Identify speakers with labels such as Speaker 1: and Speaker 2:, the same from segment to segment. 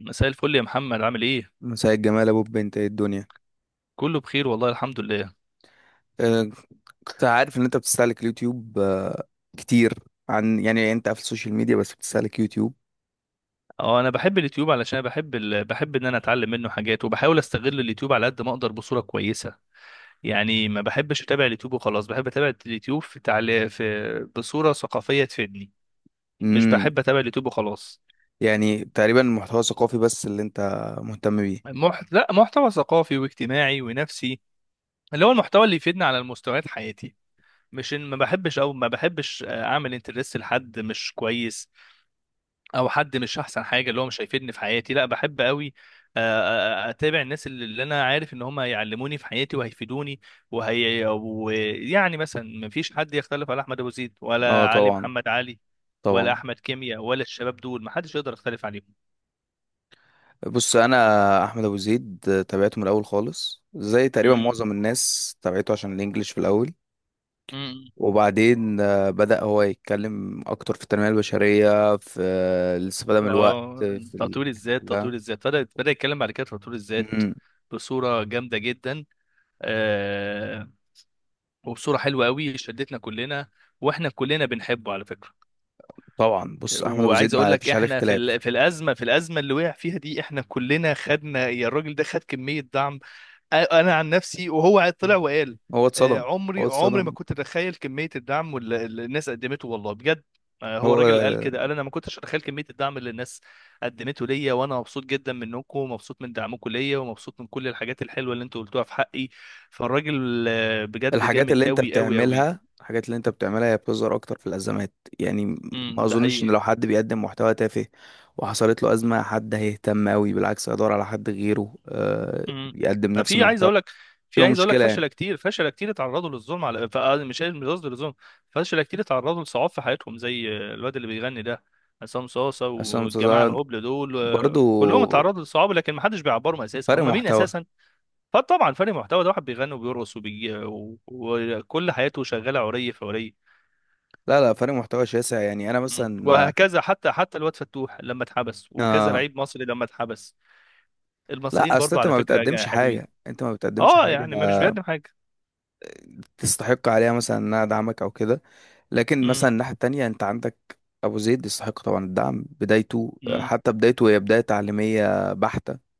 Speaker 1: مساء الفل يا محمد، عامل ايه؟
Speaker 2: مساء الجمال ابو بنت، ايه الدنيا؟
Speaker 1: كله بخير والله، الحمد لله.
Speaker 2: أه. كنت عارف ان انت بتستهلك اليوتيوب كتير. عن يعني انت في السوشيال ميديا بس بتستهلك يوتيوب؟
Speaker 1: اه، انا بحب اليوتيوب علشان بحب ان انا اتعلم منه حاجات وبحاول استغل اليوتيوب على قد ما اقدر بصوره كويسه. يعني ما بحبش اتابع اليوتيوب وخلاص، بحب اتابع اليوتيوب في بصوره ثقافيه تفيدني. مش
Speaker 2: امم.
Speaker 1: بحب اتابع اليوتيوب وخلاص.
Speaker 2: يعني تقريبا المحتوى الثقافي بس اللي انت مهتم بيه؟
Speaker 1: لا، محتوى ثقافي واجتماعي ونفسي، اللي هو المحتوى اللي يفيدني على المستويات حياتي. مش إن ما بحبش اعمل انترست لحد مش كويس او حد مش احسن حاجه اللي هو مش هيفيدني في حياتي. لا، بحب قوي اتابع الناس اللي انا عارف ان هم هيعلموني في حياتي وهيفيدوني. وهي ويعني مثلا، ما فيش حد يختلف على احمد ابو زيد،
Speaker 2: اه
Speaker 1: ولا علي
Speaker 2: طبعا،
Speaker 1: محمد علي، ولا
Speaker 2: طبعا.
Speaker 1: احمد كيمياء، ولا الشباب دول ما حدش يقدر يختلف عليهم.
Speaker 2: بص انا احمد ابو زيد تابعته من الاول خالص، زي تقريبا
Speaker 1: مم.
Speaker 2: معظم الناس تابعته عشان الانجليش في الاول.
Speaker 1: مم.
Speaker 2: وبعدين بدأ هو يتكلم اكتر في التنمية البشرية، في الاستفادة من الوقت
Speaker 1: اه،
Speaker 2: في
Speaker 1: تطوير
Speaker 2: الحاجات دي
Speaker 1: الذات
Speaker 2: كلها.
Speaker 1: تطوير الذات، بدأ يتكلم بعد كده في تطوير الذات
Speaker 2: مم.
Speaker 1: بصورة جامدة جدا. آه وبصورة حلوة قوي شدتنا كلنا، واحنا كلنا بنحبه على فكرة.
Speaker 2: طبعا، بص احمد ابو زيد
Speaker 1: وعايز اقول
Speaker 2: ما
Speaker 1: لك
Speaker 2: فيش عليه
Speaker 1: احنا في
Speaker 2: اختلاف.
Speaker 1: ال- في الازمه في الازمه اللي وقع فيها دي، احنا كلنا خدنا، يا الراجل ده خد كميه دعم. انا عن نفسي، وهو طلع وقال:
Speaker 2: هو اتصدم،
Speaker 1: عمري
Speaker 2: هو
Speaker 1: عمري ما
Speaker 2: اتصدم.
Speaker 1: كنت اتخيل كميه الدعم واللي الناس قدمته، والله بجد. هو راجل قال
Speaker 2: هو
Speaker 1: كده، قال: انا ما كنتش اتخيل كميه الدعم اللي الناس قدمته ليا، وانا مبسوط جدا منكم، ومبسوط من دعمكم ليا، ومبسوط من كل الحاجات الحلوه اللي انتوا قلتوها في حقي. فالراجل بجد
Speaker 2: الحاجات
Speaker 1: جامد
Speaker 2: اللي انت
Speaker 1: قوي قوي قوي.
Speaker 2: بتعملها، هي بتظهر اكتر في الازمات. يعني ما
Speaker 1: امم، ده
Speaker 2: اظنش ان
Speaker 1: حقيقي.
Speaker 2: لو حد بيقدم محتوى تافه وحصلت له ازمه حد هيهتم قوي، بالعكس هيدور على حد غيره
Speaker 1: امم،
Speaker 2: يقدم نفس
Speaker 1: في عايز
Speaker 2: المحتوى.
Speaker 1: اقول لك في
Speaker 2: شو
Speaker 1: عايز اقول لك
Speaker 2: مشكله
Speaker 1: فشله
Speaker 2: يعني؟
Speaker 1: كتير، فشله كتير اتعرضوا للظلم، على مش قصدي للظلم، فشله كتير اتعرضوا لصعاب في حياتهم، زي الواد اللي بيغني ده، عصام صاصه
Speaker 2: عشان
Speaker 1: والجماعه
Speaker 2: مسلسلات،
Speaker 1: الهبل دول
Speaker 2: برضو
Speaker 1: كلهم اتعرضوا لصعاب، لكن ما حدش بيعبرهم اساسا،
Speaker 2: فرق
Speaker 1: هم مين
Speaker 2: محتوى.
Speaker 1: اساسا؟ فطبعا فرق محتوى، ده واحد بيغني وبيرقص وبيجي وكل حياته شغاله عري في عري.
Speaker 2: لا لا، فرق محتوى شاسع، يعني انا
Speaker 1: مم.
Speaker 2: مثلا
Speaker 1: وهكذا، حتى الواد فتوح لما اتحبس، وكذا
Speaker 2: آه
Speaker 1: لعيب مصري لما اتحبس. المصريين
Speaker 2: لا، اصل
Speaker 1: برضو على فكره حلوين.
Speaker 2: انت ما بتقدمش
Speaker 1: اه
Speaker 2: حاجه
Speaker 1: يعني ما مش بيقدم حاجه.
Speaker 2: تستحق عليها، مثلا ان انا ادعمك او كده. لكن مثلا الناحيه التانية، انت عندك ابو زيد يستحق طبعا الدعم، بدايته
Speaker 1: امم.
Speaker 2: حتى بدايته هي بدايه تعليميه بحته،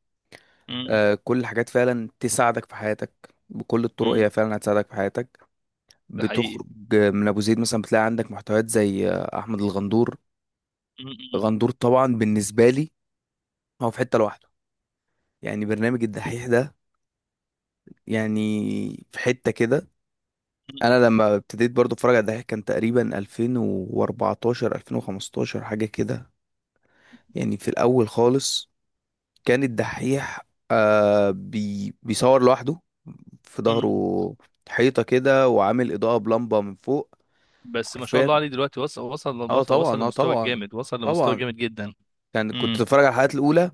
Speaker 1: مم.
Speaker 2: كل الحاجات فعلا تساعدك في حياتك بكل الطرق،
Speaker 1: مم.
Speaker 2: هي فعلا هتساعدك في حياتك.
Speaker 1: ده حقيقي.
Speaker 2: بتخرج من ابو زيد مثلا، بتلاقي عندك محتويات زي احمد الغندور.
Speaker 1: مم.
Speaker 2: غندور طبعا بالنسبه لي هو في حته لوحده، يعني برنامج الدحيح ده، يعني في حته كده.
Speaker 1: مم.
Speaker 2: انا لما ابتديت برضو اتفرج على الدحيح كان تقريبا 2014 2015 حاجه كده. يعني في الاول خالص كان الدحيح آه بي بيصور لوحده، في
Speaker 1: مم.
Speaker 2: ظهره حيطه كده وعامل اضاءه بلمبه من فوق.
Speaker 1: بس ما شاء
Speaker 2: حرفيا.
Speaker 1: الله عليه، دلوقتي وصل وصل
Speaker 2: اه
Speaker 1: وصل وصل
Speaker 2: طبعا، اه
Speaker 1: لمستوى
Speaker 2: طبعا،
Speaker 1: جامد، وصل لمستوى
Speaker 2: طبعا.
Speaker 1: جامد جدا.
Speaker 2: يعني كنت
Speaker 1: امم.
Speaker 2: اتفرج على الحلقات الاولى،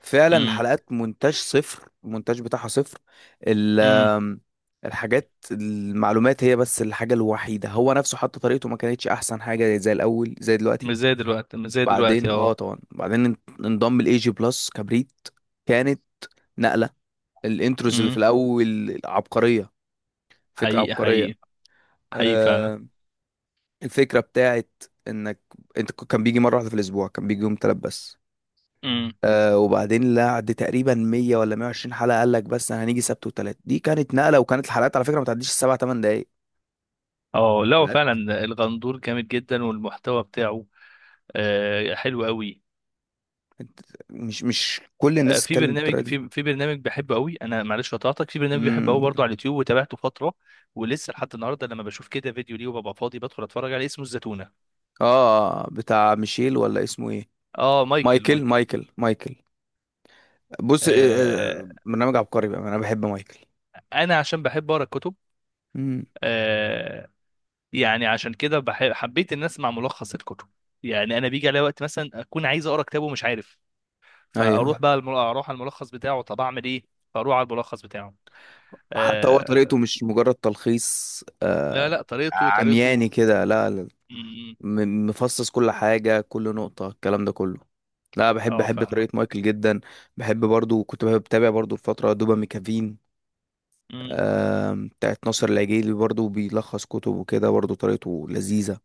Speaker 2: فعلا
Speaker 1: امم.
Speaker 2: الحلقات مونتاج صفر، المونتاج بتاعها صفر. ال-
Speaker 1: امم.
Speaker 2: آم، الحاجات المعلومات هي بس الحاجة الوحيدة، هو نفسه حتى طريقته ما كانتش أحسن حاجة زي الأول زي
Speaker 1: مش
Speaker 2: دلوقتي.
Speaker 1: زي دلوقتي، مش زي دلوقتي،
Speaker 2: بعدين اه
Speaker 1: اه.
Speaker 2: طبعا، بعدين انضم الاي جي بلس كبريت، كانت نقلة. الانتروز اللي في
Speaker 1: امم.
Speaker 2: الأول عبقرية، فكرة
Speaker 1: حقيقي
Speaker 2: عبقرية.
Speaker 1: حقيقي. حقيقي فعلا.
Speaker 2: آه الفكرة بتاعت انك انت كان بيجي مرة واحدة في الأسبوع، كان بيجي يوم تلات بس.
Speaker 1: امم.
Speaker 2: وبعدين لعد تقريبا 100 ولا 120 حلقه قال لك بس انا هنيجي سبت وتلات، دي كانت نقله، وكانت الحلقات على فكره ما تعديش السبع ثمان دقائق
Speaker 1: اه، لا هو
Speaker 2: حلقات.
Speaker 1: فعلا الغندور جامد جدا، والمحتوى بتاعه حلو قوي.
Speaker 2: كانت- مش كل
Speaker 1: آه
Speaker 2: الناس
Speaker 1: في
Speaker 2: بتتكلم بالطريقه
Speaker 1: برنامج
Speaker 2: دي.
Speaker 1: في في برنامج بحبه قوي، انا معلش قطعتك، في برنامج بحبه قوي
Speaker 2: امم.
Speaker 1: برضه على اليوتيوب، وتابعته فتره، ولسه لحد النهارده لما بشوف كده فيديو ليه وببقى فاضي بدخل اتفرج عليه، اسمه الزتونه.
Speaker 2: اه، بتاع ميشيل، ولا اسمه ايه؟
Speaker 1: اه، مايكل
Speaker 2: مايكل،
Speaker 1: مايكل.
Speaker 2: مايكل، مايكل. بص
Speaker 1: آه
Speaker 2: برنامج عبقري بقى، انا بحب مايكل.
Speaker 1: انا عشان بحب اقرا الكتب.
Speaker 2: امم.
Speaker 1: آه يعني عشان كده بحب، حبيت ان اسمع ملخص الكتب. يعني انا بيجي عليا وقت مثلا اكون عايز اقرا كتاب ومش عارف، فاروح
Speaker 2: ايوه.
Speaker 1: بقى اروح على الملخص بتاعه، طب اعمل ايه؟ فاروح على الملخص بتاعه.
Speaker 2: حتى هو طريقته
Speaker 1: آه،
Speaker 2: مش مجرد تلخيص
Speaker 1: لا لا، طريقته
Speaker 2: عمياني
Speaker 1: طريقته.
Speaker 2: كده، لا لا.
Speaker 1: م- م.
Speaker 2: مفصص كل حاجة، كل نقطة، الكلام ده كله. لا بحب،
Speaker 1: اه، فاهمه.
Speaker 2: طريقة مايكل جدا. بحب برضو، كنت بتابع برضو الفترة دوبا ميكافين،
Speaker 1: م.
Speaker 2: بتاعت ناصر العجيلي، برضو بيلخص كتب وكده، برضو طريقته لذيذة.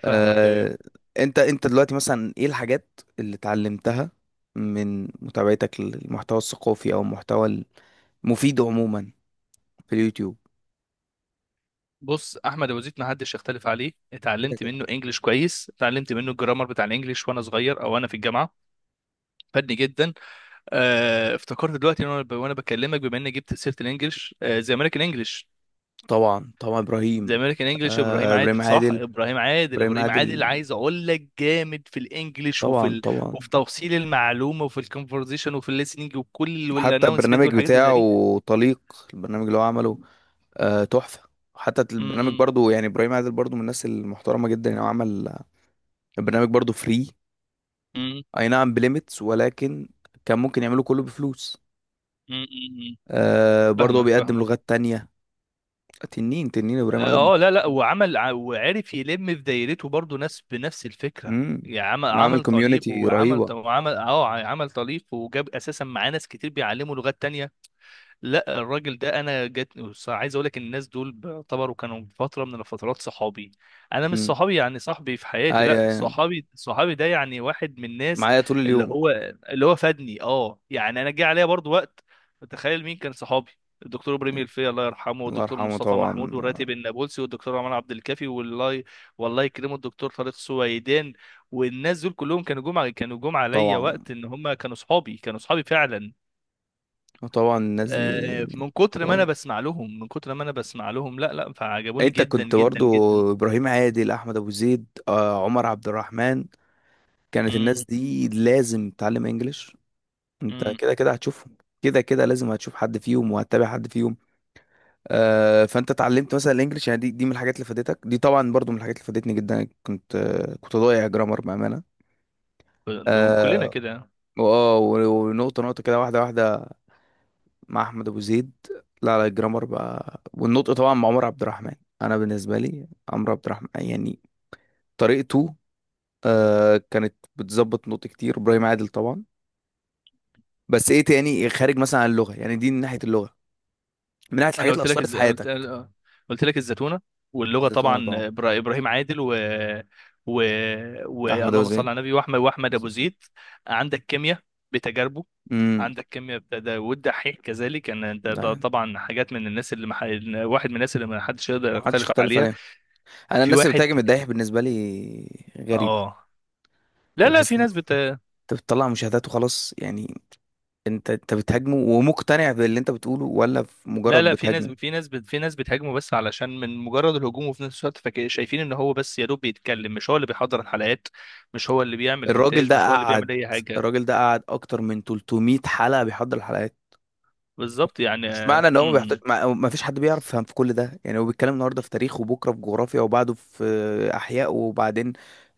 Speaker 1: فاهمك، ايوه.
Speaker 2: آه، انت دلوقتي مثلا ايه الحاجات اللي اتعلمتها من متابعتك للمحتوى الثقافي او المحتوى المفيد عموما في اليوتيوب؟
Speaker 1: بص، احمد ابو زيد ما حدش يختلف عليه،
Speaker 2: كده
Speaker 1: اتعلمت
Speaker 2: كده
Speaker 1: منه انجليش كويس، اتعلمت منه الجرامر بتاع الانجليش وانا صغير او وانا في الجامعه، فادني جدا. افتكرت دلوقتي وانا وأنا بكلمك بما اني جبت سيره الانجليش، زي امريكان انجليش.
Speaker 2: طبعا، طبعا ابراهيم،
Speaker 1: زي امريكان انجليش ابراهيم
Speaker 2: ابراهيم
Speaker 1: عادل، صح،
Speaker 2: عادل،
Speaker 1: ابراهيم عادل،
Speaker 2: ابراهيم
Speaker 1: ابراهيم عادل
Speaker 2: عادل،
Speaker 1: عايز اقول لك جامد في الانجليش،
Speaker 2: طبعا طبعا.
Speaker 1: وفي توصيل المعلومه، وفي الكونفرزيشن، وفي الليسننج، وكل،
Speaker 2: حتى
Speaker 1: والانونسمنت
Speaker 2: البرنامج
Speaker 1: والحاجات اللي زي
Speaker 2: بتاعه
Speaker 1: دي.
Speaker 2: طليق، البرنامج اللي هو عمله تحفة. حتى
Speaker 1: م-
Speaker 2: البرنامج
Speaker 1: م-
Speaker 2: برضو، يعني إبراهيم عادل برضو من الناس المحترمة جدا، يعني هو عمل البرنامج برضو فري،
Speaker 1: م-
Speaker 2: أي نعم بليميتس، ولكن كان ممكن يعمله كله بفلوس.
Speaker 1: م- م- م.
Speaker 2: برضو هو
Speaker 1: فاهمك
Speaker 2: بيقدم
Speaker 1: فاهمك.
Speaker 2: لغات تانية. تنين تنين إبراهيم عادل.
Speaker 1: اه، لا لا، وعمل وعرف يلم في دايرته برضه ناس بنفس الفكره.
Speaker 2: امم.
Speaker 1: يعني عمل
Speaker 2: عامل
Speaker 1: عمل طليق
Speaker 2: كوميونتي
Speaker 1: وعمل
Speaker 2: رهيبة.
Speaker 1: وعمل اه عمل طليق وجاب اساسا معاه ناس كتير بيعلموا لغات تانية. لا، الراجل ده انا جت، بص، عايز اقول لك الناس دول بيعتبروا كانوا فتره من الفترات صحابي. انا مش
Speaker 2: امم.
Speaker 1: صحابي يعني صاحبي في حياتي،
Speaker 2: أيوة
Speaker 1: لا
Speaker 2: أيوة.
Speaker 1: صحابي، صحابي ده يعني واحد من الناس
Speaker 2: معايا طول
Speaker 1: اللي
Speaker 2: اليوم.
Speaker 1: هو اللي هو فادني. اه يعني انا جه عليا برضو وقت، تخيل مين كان صحابي؟ الدكتور ابراهيم الفقي الله يرحمه،
Speaker 2: الله
Speaker 1: والدكتور
Speaker 2: يرحمه
Speaker 1: مصطفى محمود،
Speaker 2: طبعا.
Speaker 1: والراتب النابلسي، والدكتور عمر عبد الكافي، والله، والله يكرمه، الدكتور طارق سويدان. والناس دول كلهم كانوا جم كانوا جم عليا
Speaker 2: طبعا،
Speaker 1: وقت ان هم كانوا صحابي، كانوا صحابي فعلا.
Speaker 2: طبعا الناس دي.
Speaker 1: من كتر ما انا بسمع لهم، من كتر ما انا بسمع لهم، لا لا، فعجبوني
Speaker 2: انت
Speaker 1: جدا
Speaker 2: كنت
Speaker 1: جدا جدا.
Speaker 2: برضو ابراهيم عادل، احمد ابو زيد، عمر عبد الرحمن. كانت الناس
Speaker 1: امم.
Speaker 2: دي لازم تتعلم انجليش. انت
Speaker 1: امم.
Speaker 2: كده كده هتشوفهم، كده كده لازم هتشوف حد فيهم وهتتابع حد فيهم. فانت اتعلمت مثلا الانجليش، يعني دي من الحاجات اللي فادتك، دي طبعا برضو من الحاجات اللي فادتني جدا. كنت ضايع جرامر بامانه.
Speaker 1: ده كلنا
Speaker 2: اه.
Speaker 1: كده.
Speaker 2: ونقطه نقطه كده، واحده واحده، مع احمد ابو زيد. لا لا، الجرامر بقى والنطق طبعا مع عمر عبد الرحمن. انا بالنسبه لي عمرو عبد الرحمن، يعني طريقته كانت بتظبط نقط كتير. ابراهيم عادل طبعا. بس ايه تاني، إيه، خارج مثلا عن اللغه؟ يعني دي من ناحيه اللغه، من ناحيه
Speaker 1: انا
Speaker 2: الحاجات اللي
Speaker 1: قلت لك
Speaker 2: اثرت في
Speaker 1: الز... قلت...
Speaker 2: حياتك.
Speaker 1: قلت لك الزتونه، واللغه
Speaker 2: زيتونه
Speaker 1: طبعا
Speaker 2: طبعا،
Speaker 1: ابراهيم عادل، و,
Speaker 2: احمد ابو
Speaker 1: اللهم صل
Speaker 2: زيد.
Speaker 1: على النبي، واحمد ابو زيد، عندك كيمياء بتجاربه،
Speaker 2: امم.
Speaker 1: عندك كيمياء بتدا، والدحيح كذلك، ان انت
Speaker 2: ده
Speaker 1: ده
Speaker 2: يعني
Speaker 1: طبعا حاجات من الناس واحد من الناس اللي ما حدش يقدر
Speaker 2: ما حدش
Speaker 1: يختلف
Speaker 2: اختلف
Speaker 1: عليها.
Speaker 2: عليهم. انا
Speaker 1: في
Speaker 2: الناس اللي
Speaker 1: واحد،
Speaker 2: بتهاجم الدايح بالنسبه لي غريبه،
Speaker 1: اه لا
Speaker 2: يعني
Speaker 1: لا،
Speaker 2: بحس
Speaker 1: في
Speaker 2: ان انت
Speaker 1: ناس،
Speaker 2: بتطلع مشاهدات وخلاص يعني. انت بتهاجمه ومقتنع باللي انت بتقوله، ولا في
Speaker 1: لا
Speaker 2: مجرد
Speaker 1: لا، في ناس
Speaker 2: بتهاجمه؟
Speaker 1: في ناس في ناس بتهاجمه بس علشان من مجرد الهجوم، وفي نفس الوقت شايفين ان هو بس يا دوب بيتكلم، مش هو اللي بيحضر الحلقات، مش هو اللي بيعمل
Speaker 2: الراجل
Speaker 1: مونتاج،
Speaker 2: ده
Speaker 1: مش هو اللي
Speaker 2: قعد
Speaker 1: بيعمل اي حاجه.
Speaker 2: الراجل ده قعد اكتر من 300 حلقه بيحضر الحلقات.
Speaker 1: بالظبط، يعني
Speaker 2: مش معنى ان هو ما بيحتاج، ما فيش حد بيعرف يفهم في كل ده، يعني هو بيتكلم النهارده في تاريخ وبكره في جغرافيا وبعده في احياء، وبعدين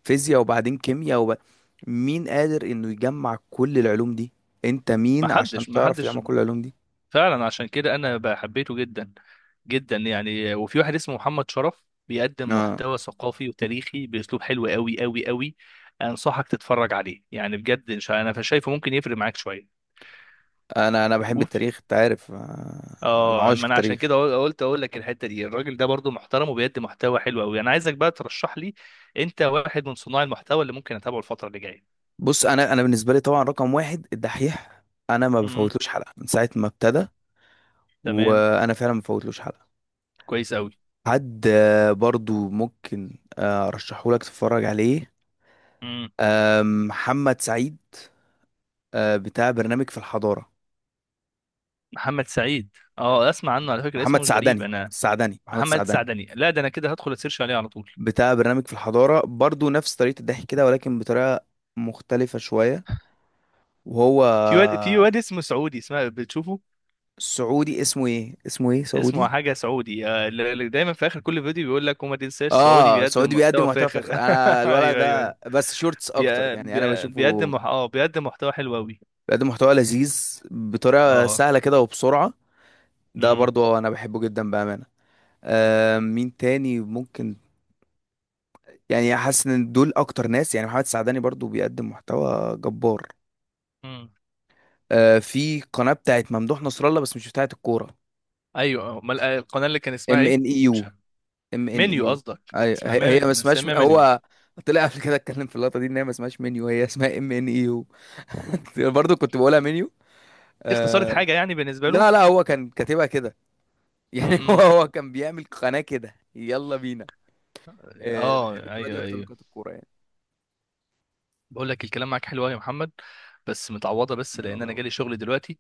Speaker 2: فيزياء وبعدين كيمياء مين قادر انه يجمع كل العلوم دي؟ انت
Speaker 1: ما
Speaker 2: مين
Speaker 1: حدش
Speaker 2: عشان
Speaker 1: ما
Speaker 2: تعرف
Speaker 1: حدش
Speaker 2: تجمع كل العلوم دي؟
Speaker 1: فعلا، عشان كده انا بحبيته جدا جدا. يعني وفي واحد اسمه محمد شرف بيقدم
Speaker 2: اه.
Speaker 1: محتوى ثقافي وتاريخي باسلوب حلو قوي قوي قوي، انصحك تتفرج عليه يعني بجد. انا شايفه ممكن يفرق معاك
Speaker 2: انا بحب
Speaker 1: شويه.
Speaker 2: التاريخ، انت عارف، انا
Speaker 1: اه ما
Speaker 2: عاشق
Speaker 1: انا عشان
Speaker 2: تاريخ.
Speaker 1: كده قلت اقول لك الحته دي، الراجل ده برضو محترم وبيقدم محتوى حلو قوي. انا عايزك بقى ترشح لي، انت واحد من صناع المحتوى اللي ممكن اتابعه الفتره اللي جايه.
Speaker 2: بص انا بالنسبه لي طبعا رقم واحد الدحيح، انا ما
Speaker 1: امم.
Speaker 2: بفوتلوش حلقه من ساعه ما ابتدى،
Speaker 1: تمام،
Speaker 2: وانا فعلا ما بفوتلوش حلقه.
Speaker 1: كويس قوي.
Speaker 2: حد برضو ممكن ارشحه لك تتفرج عليه،
Speaker 1: امم،
Speaker 2: محمد سعيد، بتاع برنامج في الحضارة.
Speaker 1: محمد سعيد. اه، اسمع عنه على فكره،
Speaker 2: محمد
Speaker 1: اسمه مش غريب
Speaker 2: سعدني،
Speaker 1: انا،
Speaker 2: السعدني، محمد
Speaker 1: محمد
Speaker 2: سعدني،
Speaker 1: سعدني، لا ده انا كده هدخل اسيرش عليه على طول.
Speaker 2: بتاع برنامج في الحضارة، برضو نفس طريقة الضحك كده، ولكن بطريقة مختلفة شوية. وهو
Speaker 1: في واد اسمه سعودي، اسمه بتشوفه،
Speaker 2: سعودي، اسمه ايه
Speaker 1: اسمه
Speaker 2: سعودي؟
Speaker 1: حاجه، سعودي، اللي دايما في اخر كل فيديو بيقول لك: وما تنساش سعودي
Speaker 2: اه،
Speaker 1: بيقدم
Speaker 2: سعودي بيقدم
Speaker 1: محتوى
Speaker 2: محتوى
Speaker 1: فاخر.
Speaker 2: فاخر. انا الولد
Speaker 1: ايوه ايوه ايوه.
Speaker 2: ده بس شورتس اكتر،
Speaker 1: بي...
Speaker 2: يعني انا
Speaker 1: بي... بيقدم
Speaker 2: بشوفه،
Speaker 1: مح... اه بيقدم محتوى حلو قوي.
Speaker 2: بيقدم محتوى لذيذ بطريقة
Speaker 1: اه.
Speaker 2: سهلة كده وبسرعة، ده
Speaker 1: امم.
Speaker 2: برضو انا بحبه جدا بأمانة. مين تاني ممكن؟ يعني حاسس ان دول اكتر ناس، يعني محمد السعداني برضو بيقدم محتوى جبار.
Speaker 1: امم.
Speaker 2: في قناة بتاعت ممدوح نصر الله، بس مش بتاعت الكورة.
Speaker 1: ايوه، امال القناه اللي كان اسمها
Speaker 2: ام
Speaker 1: ايه؟
Speaker 2: ان اي
Speaker 1: مش
Speaker 2: يو.
Speaker 1: عارف.
Speaker 2: ام ان اي
Speaker 1: منيو،
Speaker 2: يو،
Speaker 1: قصدك
Speaker 2: هي
Speaker 1: اسمها
Speaker 2: هي ما اسمهاش،
Speaker 1: مسميها منيو.
Speaker 2: هو طلع قبل كده اتكلم في اللقطة دي ان هي ما اسمهاش منيو، هي اسمها ام ان اي يو. برضو كنت بقولها منيو.
Speaker 1: دي اختصارت
Speaker 2: آه
Speaker 1: حاجه يعني بالنسبه له.
Speaker 2: لا لا، هو كان كاتبها كده يعني. هو
Speaker 1: امم.
Speaker 2: هو كان بيعمل قناة كده يلا بينا.
Speaker 1: اه،
Speaker 2: بحب القناة دي
Speaker 1: ايوه،
Speaker 2: اكتر من
Speaker 1: ايوه،
Speaker 2: قناة الكورة يعني.
Speaker 1: بقول لك الكلام معاك حلو أوي يا محمد، بس متعوضه، بس
Speaker 2: من
Speaker 1: لان انا
Speaker 2: الله.
Speaker 1: جالي شغل دلوقتي،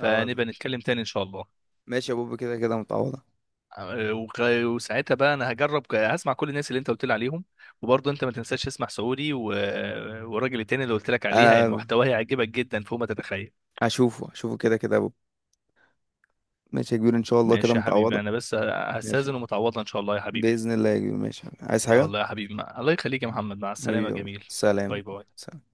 Speaker 2: اه،
Speaker 1: نتكلم تاني ان شاء الله.
Speaker 2: ماشي يا بوب، كده كده متعوضة.
Speaker 1: وساعتها بقى انا هجرب هسمع كل الناس اللي انت قلت لي عليهم، وبرضه انت ما تنساش تسمع سعودي و... والراجل التاني اللي قلت لك عليها
Speaker 2: انا
Speaker 1: محتواه هيعجبك جدا فوق ما تتخيل.
Speaker 2: هشوفه هشوفه كده كده يا بوب. ماشي يا كبير، ان شاء الله كده
Speaker 1: ماشي يا
Speaker 2: متعوضة.
Speaker 1: حبيبي، انا بس
Speaker 2: ماشي،
Speaker 1: هستاذن، ومتعوضه ان شاء الله يا حبيبي.
Speaker 2: باذن الله يا كبير. ماشي، عايز
Speaker 1: يا
Speaker 2: حاجة؟
Speaker 1: الله يا حبيبي، الله يخليك يا محمد، مع
Speaker 2: حبيبي
Speaker 1: السلامه،
Speaker 2: يا بوب.
Speaker 1: جميل.
Speaker 2: سلام.
Speaker 1: باي باي.
Speaker 2: سلام.